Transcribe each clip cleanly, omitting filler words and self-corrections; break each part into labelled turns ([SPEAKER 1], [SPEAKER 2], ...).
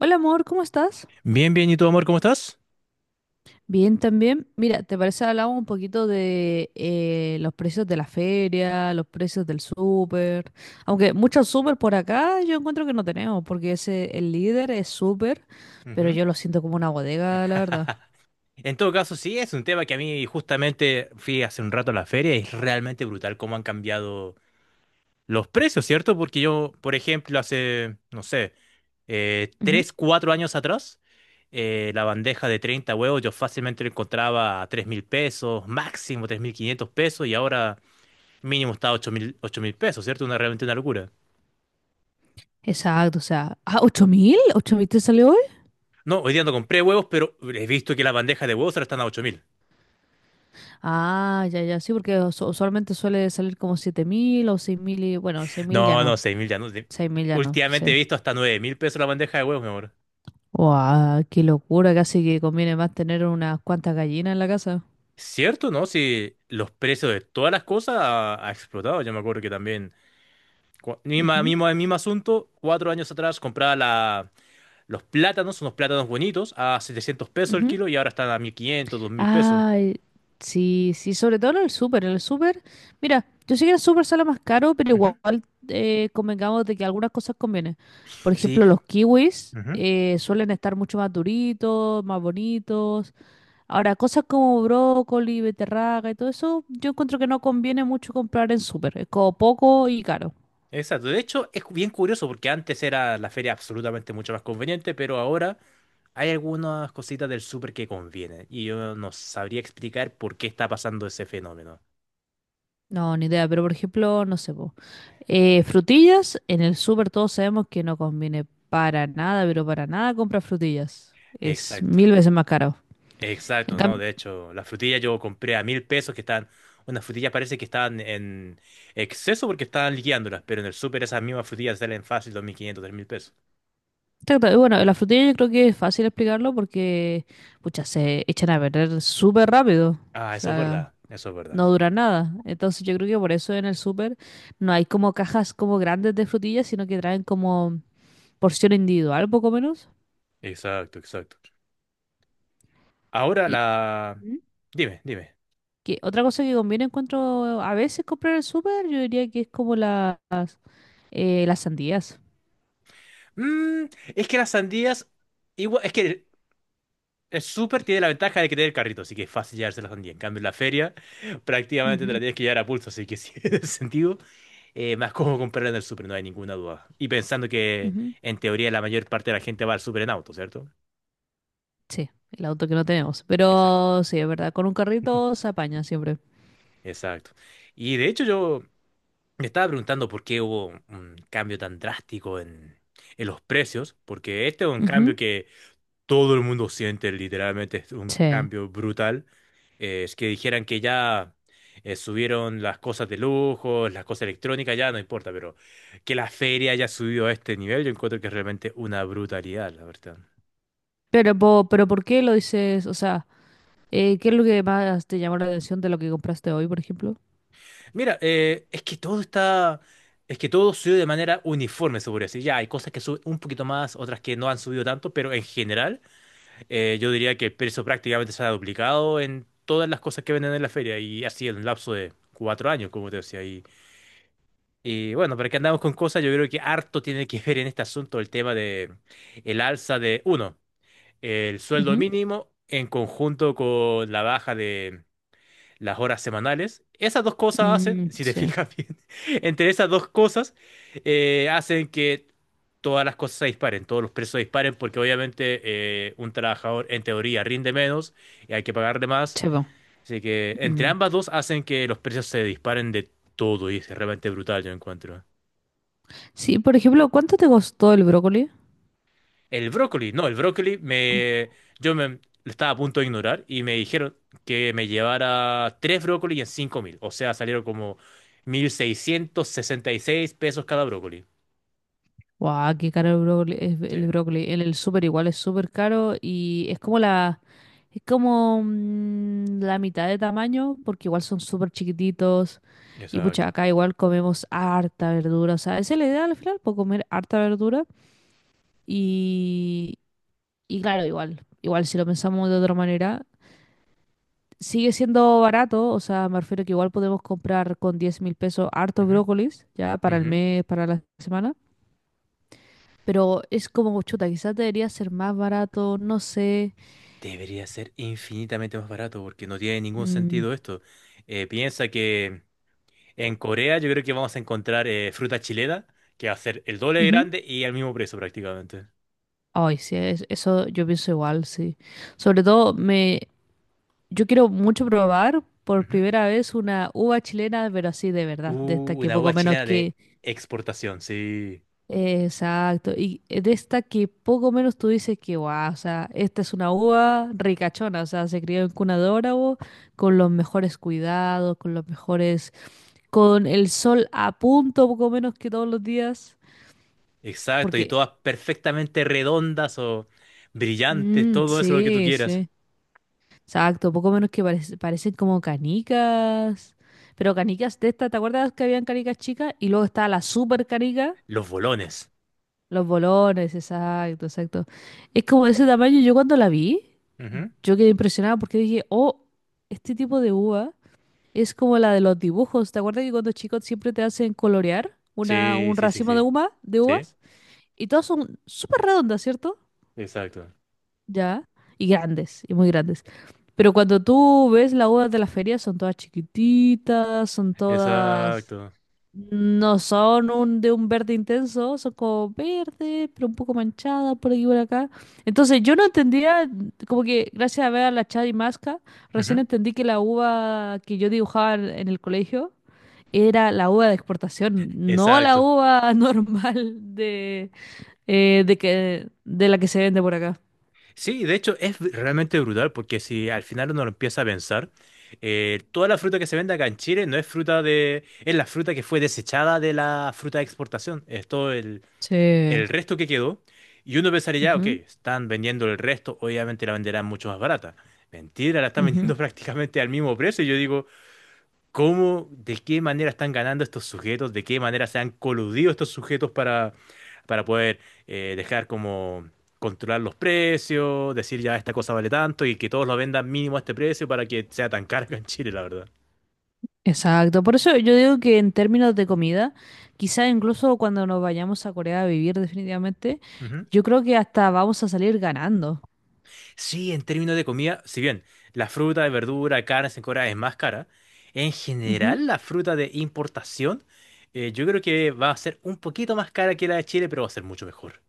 [SPEAKER 1] Hola amor, ¿cómo estás?
[SPEAKER 2] Bien, bien, ¿y tú, amor, cómo estás?
[SPEAKER 1] Bien también. Mira, ¿te parece hablamos un poquito de los precios de la feria, los precios del súper? Aunque muchos súper por acá yo encuentro que no tenemos, porque ese, el líder es súper, pero
[SPEAKER 2] Ujú.
[SPEAKER 1] yo lo siento como una bodega, la verdad.
[SPEAKER 2] En todo caso, sí, es un tema que a mí justamente fui hace un rato a la feria y es realmente brutal cómo han cambiado los precios, ¿cierto? Porque yo, por ejemplo, hace, no sé,
[SPEAKER 1] Ujú.
[SPEAKER 2] 3, 4 años atrás, la bandeja de 30 huevos yo fácilmente la encontraba a 3.000 pesos, máximo 3.500 pesos, y ahora mínimo está a ocho mil pesos, ¿cierto? Una, realmente una locura.
[SPEAKER 1] Exacto, o sea, ah, ¿8.000? ¿8.000 te salió hoy?
[SPEAKER 2] No, hoy día no compré huevos, pero he visto que la bandeja de huevos ahora están a 8.000.
[SPEAKER 1] Ah, ya, ya, sí, porque usualmente suele salir como 7.000 o 6.000 y bueno, 6.000 ya
[SPEAKER 2] No,
[SPEAKER 1] no,
[SPEAKER 2] no, 6.000 ya no.
[SPEAKER 1] 6.000 ya no, sí.
[SPEAKER 2] Últimamente he visto hasta 9.000 pesos la bandeja de huevos, mi amor.
[SPEAKER 1] Guau, qué locura, casi que conviene más tener unas cuantas gallinas en la casa.
[SPEAKER 2] ¿Cierto, no? Si los precios de todas las cosas ha explotado. Yo me acuerdo que también Cu- Misma,
[SPEAKER 1] Ujú,
[SPEAKER 2] mismo, el mismo asunto, 4 años atrás compraba unos plátanos bonitos, a 700 pesos el
[SPEAKER 1] ujú.
[SPEAKER 2] kilo y ahora están a 1.500 2.000 pesos.
[SPEAKER 1] Ay, sí, sí, sobre todo en el súper, en el súper. Mira, yo sé que el súper sale más caro, pero
[SPEAKER 2] Ujú,
[SPEAKER 1] igual convengamos de que algunas cosas convienen. Por
[SPEAKER 2] sí,
[SPEAKER 1] ejemplo, los kiwis
[SPEAKER 2] ujú,
[SPEAKER 1] suelen estar mucho más duritos, más bonitos. Ahora, cosas como brócoli, beterraga y todo eso, yo encuentro que no conviene mucho comprar en súper. Es como poco y caro.
[SPEAKER 2] exacto. De hecho, es bien curioso porque antes era la feria absolutamente mucho más conveniente, pero ahora hay algunas cositas del súper que convienen y yo no sabría explicar por qué está pasando ese fenómeno.
[SPEAKER 1] No, ni idea, pero por ejemplo, no sé, po. Frutillas, en el súper todos sabemos que no conviene para nada, pero para nada comprar frutillas. Es
[SPEAKER 2] Exacto.
[SPEAKER 1] mil veces más caro. En
[SPEAKER 2] Exacto, no,
[SPEAKER 1] cam-
[SPEAKER 2] de hecho, las frutillas yo compré a 1.000 pesos que estaban, unas frutillas parece que estaban en exceso porque estaban liquidándolas, pero en el súper esas mismas frutillas salen fácil 2.500 3.000 pesos.
[SPEAKER 1] Exacto, y bueno, las frutillas yo creo que es fácil explicarlo porque, pucha, se echan a perder súper rápido. O
[SPEAKER 2] Ah, eso es
[SPEAKER 1] sea,
[SPEAKER 2] verdad, eso es verdad.
[SPEAKER 1] no dura nada. Entonces yo creo que por eso en el súper no hay como cajas como grandes de frutillas, sino que traen como porción individual, poco menos.
[SPEAKER 2] Exacto, exacto. Ahora
[SPEAKER 1] Y
[SPEAKER 2] la...
[SPEAKER 1] ¿Mm?
[SPEAKER 2] Dime, dime.
[SPEAKER 1] Que otra cosa que conviene encuentro a veces comprar en el súper, yo diría que es como las sandías.
[SPEAKER 2] Mm, es que las sandías, igual, es súper, tiene la ventaja de que tiene el carrito, así que es fácil llevarse la sandía. En cambio, en la feria prácticamente te la
[SPEAKER 1] Ujú,
[SPEAKER 2] tienes que llevar a pulso, así que sí, en ese sentido, más cómodo comprarla en el súper, no hay ninguna duda. Y pensando que
[SPEAKER 1] ujú.
[SPEAKER 2] en teoría la mayor parte de la gente va al súper en auto, ¿cierto?
[SPEAKER 1] Sí, el auto que no tenemos.
[SPEAKER 2] Exacto.
[SPEAKER 1] Pero sí, es verdad, con un carrito se apaña siempre.
[SPEAKER 2] Exacto. Y de hecho yo me estaba preguntando por qué hubo un cambio tan drástico en los precios, porque este es un cambio
[SPEAKER 1] Ujú.
[SPEAKER 2] que todo el mundo siente literalmente es un
[SPEAKER 1] Sí.
[SPEAKER 2] cambio brutal. Es que dijeran que ya subieron las cosas de lujo, las cosas electrónicas, ya no importa, pero que la feria haya subido a este nivel, yo encuentro que es realmente una brutalidad, la verdad.
[SPEAKER 1] Pero, pero ¿por qué lo dices? O sea, ¿qué es lo que más te llamó la atención de lo que compraste hoy, por ejemplo?
[SPEAKER 2] Mira, es que todo subió de manera uniforme, se podría decir. Ya hay cosas que suben un poquito más, otras que no han subido tanto, pero en general, yo diría que el precio prácticamente se ha duplicado en todas las cosas que venden en la feria y ha sido en un lapso de 4 años, como te decía. Y bueno, pero que andamos con cosas, yo creo que harto tiene que ver en este asunto el tema de el alza de, uno, el sueldo
[SPEAKER 1] Ujú.
[SPEAKER 2] mínimo en conjunto con la baja de las horas semanales. Esas dos cosas hacen,
[SPEAKER 1] Mm,
[SPEAKER 2] si te
[SPEAKER 1] sí.
[SPEAKER 2] fijas bien, entre esas dos cosas hacen que todas las cosas se disparen, todos los precios se disparen, porque obviamente un trabajador en teoría rinde menos y hay que pagarle más.
[SPEAKER 1] Sí, po.
[SPEAKER 2] Así que entre
[SPEAKER 1] Mm.
[SPEAKER 2] ambas dos hacen que los precios se disparen de todo y es realmente brutal, yo encuentro.
[SPEAKER 1] Sí, por ejemplo, ¿cuánto te costó el brócoli?
[SPEAKER 2] El brócoli, no, el brócoli me, yo me, lo estaba a punto de ignorar y me dijeron que me llevara tres brócolis en 5.000. O sea, salieron como 1.666 pesos cada brócoli.
[SPEAKER 1] Guau, qué caro el brócoli. Es
[SPEAKER 2] Sí,
[SPEAKER 1] El brócoli. En el súper igual es súper caro y es como es como mm, la mitad de tamaño porque igual son súper chiquititos y pucha,
[SPEAKER 2] exacto.
[SPEAKER 1] acá igual comemos harta verdura. O sea, esa es la idea al final, por comer harta verdura y, y claro, igual, igual si lo pensamos de otra manera, sigue siendo barato. O sea, me refiero que igual podemos comprar con 10.000 pesos hartos
[SPEAKER 2] Ujú,
[SPEAKER 1] brócolis ya para el
[SPEAKER 2] ujú.
[SPEAKER 1] mes, para la semana. Pero es como, chuta, quizás debería ser más barato, no sé.
[SPEAKER 2] Debería ser infinitamente más barato porque no tiene ningún
[SPEAKER 1] Mm,
[SPEAKER 2] sentido esto. Piensa que en Corea yo creo que vamos a encontrar fruta chilena que va a ser el doble de
[SPEAKER 1] ujú.
[SPEAKER 2] grande y al mismo precio prácticamente.
[SPEAKER 1] Ay, sí, eso yo pienso igual, sí. Sobre todo, yo quiero mucho probar por
[SPEAKER 2] Ujú.
[SPEAKER 1] primera vez una uva chilena, pero así de verdad, de esta que
[SPEAKER 2] Una
[SPEAKER 1] poco
[SPEAKER 2] uva
[SPEAKER 1] menos
[SPEAKER 2] chilena de
[SPEAKER 1] que…
[SPEAKER 2] exportación, sí.
[SPEAKER 1] Exacto, y de esta que poco menos tú dices que, guau, o sea, esta es una uva ricachona, o sea, se crió en cuna de oro, con los mejores cuidados, con los mejores, con el sol a punto, poco menos que todos los días.
[SPEAKER 2] Exacto, y
[SPEAKER 1] Porque,
[SPEAKER 2] todas perfectamente redondas o brillantes,
[SPEAKER 1] mm,
[SPEAKER 2] todo eso lo que tú
[SPEAKER 1] sí,
[SPEAKER 2] quieras.
[SPEAKER 1] sí. Exacto, poco menos que parecen como canicas. Pero canicas de estas, ¿te acuerdas que habían canicas chicas? Y luego está la super canica,
[SPEAKER 2] Los bolones.
[SPEAKER 1] los bolones, exacto, exacto. Es como de ese tamaño. Yo cuando la vi,
[SPEAKER 2] Ujú.
[SPEAKER 1] yo quedé impresionada porque dije, oh, este tipo de uva es como la de los dibujos. ¿Te acuerdas que cuando chicos siempre te hacen colorear una,
[SPEAKER 2] Sí,
[SPEAKER 1] un
[SPEAKER 2] sí, sí,
[SPEAKER 1] racimo de
[SPEAKER 2] sí.
[SPEAKER 1] uva, de
[SPEAKER 2] Sí,
[SPEAKER 1] uvas? Y todas son súper redondas, ¿cierto?
[SPEAKER 2] exacto.
[SPEAKER 1] Ya, y grandes, y muy grandes. Pero cuando tú ves las uvas de la feria, son todas chiquititas, son todas…
[SPEAKER 2] Exacto.
[SPEAKER 1] No son un, de un verde intenso, son como verde, pero un poco manchada por aquí y por acá. Entonces yo no entendía, como que gracias a ver a la Chadi Masca, recién
[SPEAKER 2] Ujú.
[SPEAKER 1] entendí que la uva que yo dibujaba en el colegio era la uva de exportación, no la
[SPEAKER 2] Exacto.
[SPEAKER 1] uva normal de, de la que se vende por acá.
[SPEAKER 2] Sí, de hecho es realmente brutal porque si al final uno lo empieza a pensar, toda la fruta que se vende acá en Chile no es es la fruta que fue desechada de la fruta de exportación. Es todo el,
[SPEAKER 1] Sí.
[SPEAKER 2] el resto que quedó. Y uno pensaría, ya, ok,
[SPEAKER 1] Ujú,
[SPEAKER 2] están vendiendo el resto, obviamente la venderán mucho más barata. Mentira, la están
[SPEAKER 1] ujú.
[SPEAKER 2] vendiendo prácticamente al mismo precio. Y yo digo, ¿cómo, de qué manera están ganando estos sujetos? ¿De qué manera se han coludido estos sujetos para poder dejar como controlar los precios, decir ya esta cosa vale tanto y que todos lo vendan mínimo a este precio para que sea tan caro acá en Chile, la verdad.
[SPEAKER 1] Exacto, por eso yo digo que en términos de comida, quizá incluso cuando nos vayamos a Corea a vivir definitivamente, yo creo que hasta vamos a salir ganando.
[SPEAKER 2] Sí, en términos de comida, si bien la fruta de verdura, carne en Corea es más cara, en
[SPEAKER 1] Ujú.
[SPEAKER 2] general la fruta de importación yo creo que va a ser un poquito más cara que la de Chile, pero va a ser mucho mejor.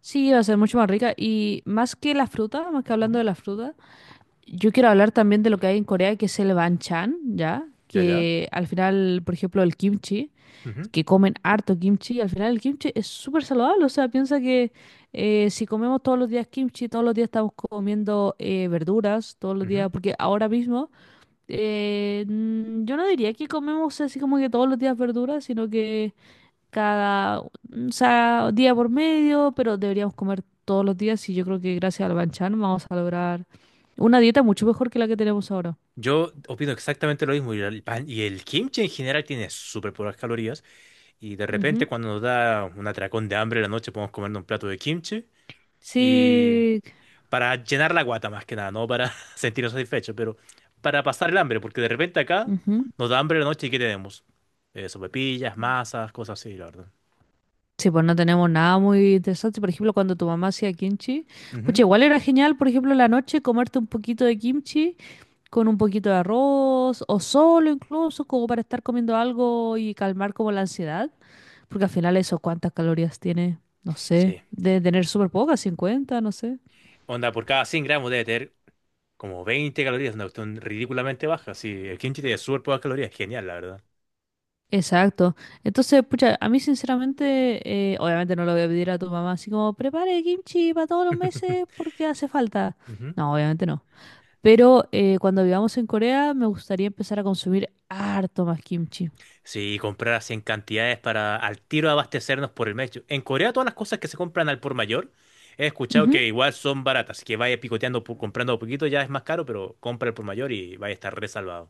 [SPEAKER 1] Sí, va a ser mucho más rica y más que la fruta, más que hablando de
[SPEAKER 2] Ujú.
[SPEAKER 1] la fruta, yo quiero hablar también de lo que hay en Corea, que es el banchan, ¿ya?
[SPEAKER 2] Ya, ya.
[SPEAKER 1] Que al final, por ejemplo, el kimchi.
[SPEAKER 2] Ujú,
[SPEAKER 1] Que comen harto kimchi, al final el kimchi es súper saludable, o sea, piensa que si comemos todos los días kimchi, todos los días estamos comiendo verduras, todos los días,
[SPEAKER 2] ujú.
[SPEAKER 1] porque ahora mismo yo no diría que comemos así como que todos los días verduras, sino que o sea, día por medio, pero deberíamos comer todos los días y yo creo que gracias al banchan vamos a lograr una dieta mucho mejor que la que tenemos ahora.
[SPEAKER 2] Yo opino exactamente lo mismo. Y el pan y el kimchi en general tiene súper pocas calorías. Y de repente,
[SPEAKER 1] Ujú.
[SPEAKER 2] cuando nos da un atracón de hambre en la noche, podemos comer un plato de kimchi. Y
[SPEAKER 1] Sí.
[SPEAKER 2] para llenar la guata más que nada, no para sentirnos satisfechos, pero para pasar el hambre, porque de repente acá
[SPEAKER 1] Ujú.
[SPEAKER 2] nos da hambre la noche y ¿qué tenemos? Sopepillas, masas, cosas así, la verdad.
[SPEAKER 1] Sí, pues no tenemos nada muy interesante. Por ejemplo, cuando tu mamá hacía kimchi, pucha,
[SPEAKER 2] Ujú.
[SPEAKER 1] igual era genial, por ejemplo, en la noche comerte un poquito de kimchi con un poquito de arroz o solo incluso, como para estar comiendo algo y calmar como la ansiedad. Porque al final eso, ¿cuántas calorías tiene? No sé,
[SPEAKER 2] Sí.
[SPEAKER 1] de tener súper pocas, 50, no sé.
[SPEAKER 2] Onda, por cada 100 gramos debe tener como 20 calorías, una cuestión ridículamente baja. Sí, el kimchi tiene súper pocas calorías, genial, la verdad.
[SPEAKER 1] Exacto. Entonces, pucha, a mí sinceramente, obviamente no lo voy a pedir a tu mamá así como, prepare kimchi para todos los meses porque hace falta.
[SPEAKER 2] Ujú.
[SPEAKER 1] No, obviamente no. Pero cuando vivamos en Corea, me gustaría empezar a consumir harto más kimchi.
[SPEAKER 2] Sí, comprar así en cantidades para al tiro abastecernos por el mes. En Corea todas las cosas que se compran al por mayor, he escuchado
[SPEAKER 1] Ujú.
[SPEAKER 2] que igual son baratas, así que vaya picoteando, comprando a poquito ya es más caro, pero compra el por mayor y vaya a estar resalvado.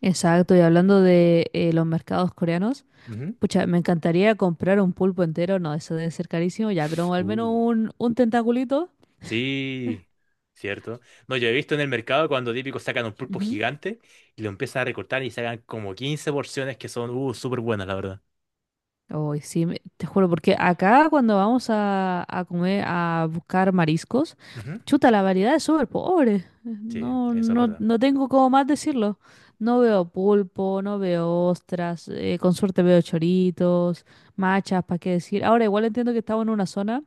[SPEAKER 1] Exacto, y hablando de los mercados coreanos,
[SPEAKER 2] Ujú.
[SPEAKER 1] pucha, me encantaría comprar un pulpo entero, no, eso debe ser carísimo ya, pero al menos
[SPEAKER 2] Uh,
[SPEAKER 1] un tentaculito.
[SPEAKER 2] sí, cierto. No, yo he visto en el mercado cuando típicos sacan un pulpo
[SPEAKER 1] Ujú.
[SPEAKER 2] gigante y lo empiezan a recortar y sacan como 15 porciones que son súper buenas, la verdad.
[SPEAKER 1] Uy, sí, te juro, porque acá cuando vamos a comer, a buscar mariscos,
[SPEAKER 2] Ujú,
[SPEAKER 1] chuta, la variedad es súper pobre.
[SPEAKER 2] sí,
[SPEAKER 1] No,
[SPEAKER 2] eso es
[SPEAKER 1] no,
[SPEAKER 2] verdad.
[SPEAKER 1] no tengo cómo más decirlo. No veo pulpo, no veo ostras, con suerte veo choritos, machas, ¿para qué decir? Ahora, igual entiendo que estamos en una zona,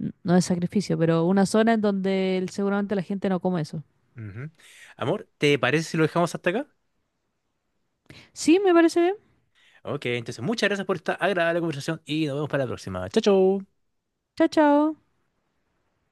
[SPEAKER 1] no es sacrificio, pero una zona en donde seguramente la gente no come eso.
[SPEAKER 2] Ujú. Amor, ¿te parece si lo dejamos hasta acá?
[SPEAKER 1] Sí, me parece bien.
[SPEAKER 2] Ok, entonces muchas gracias por esta agradable conversación y nos vemos para la próxima. Chao, chao.
[SPEAKER 1] Chao, chao.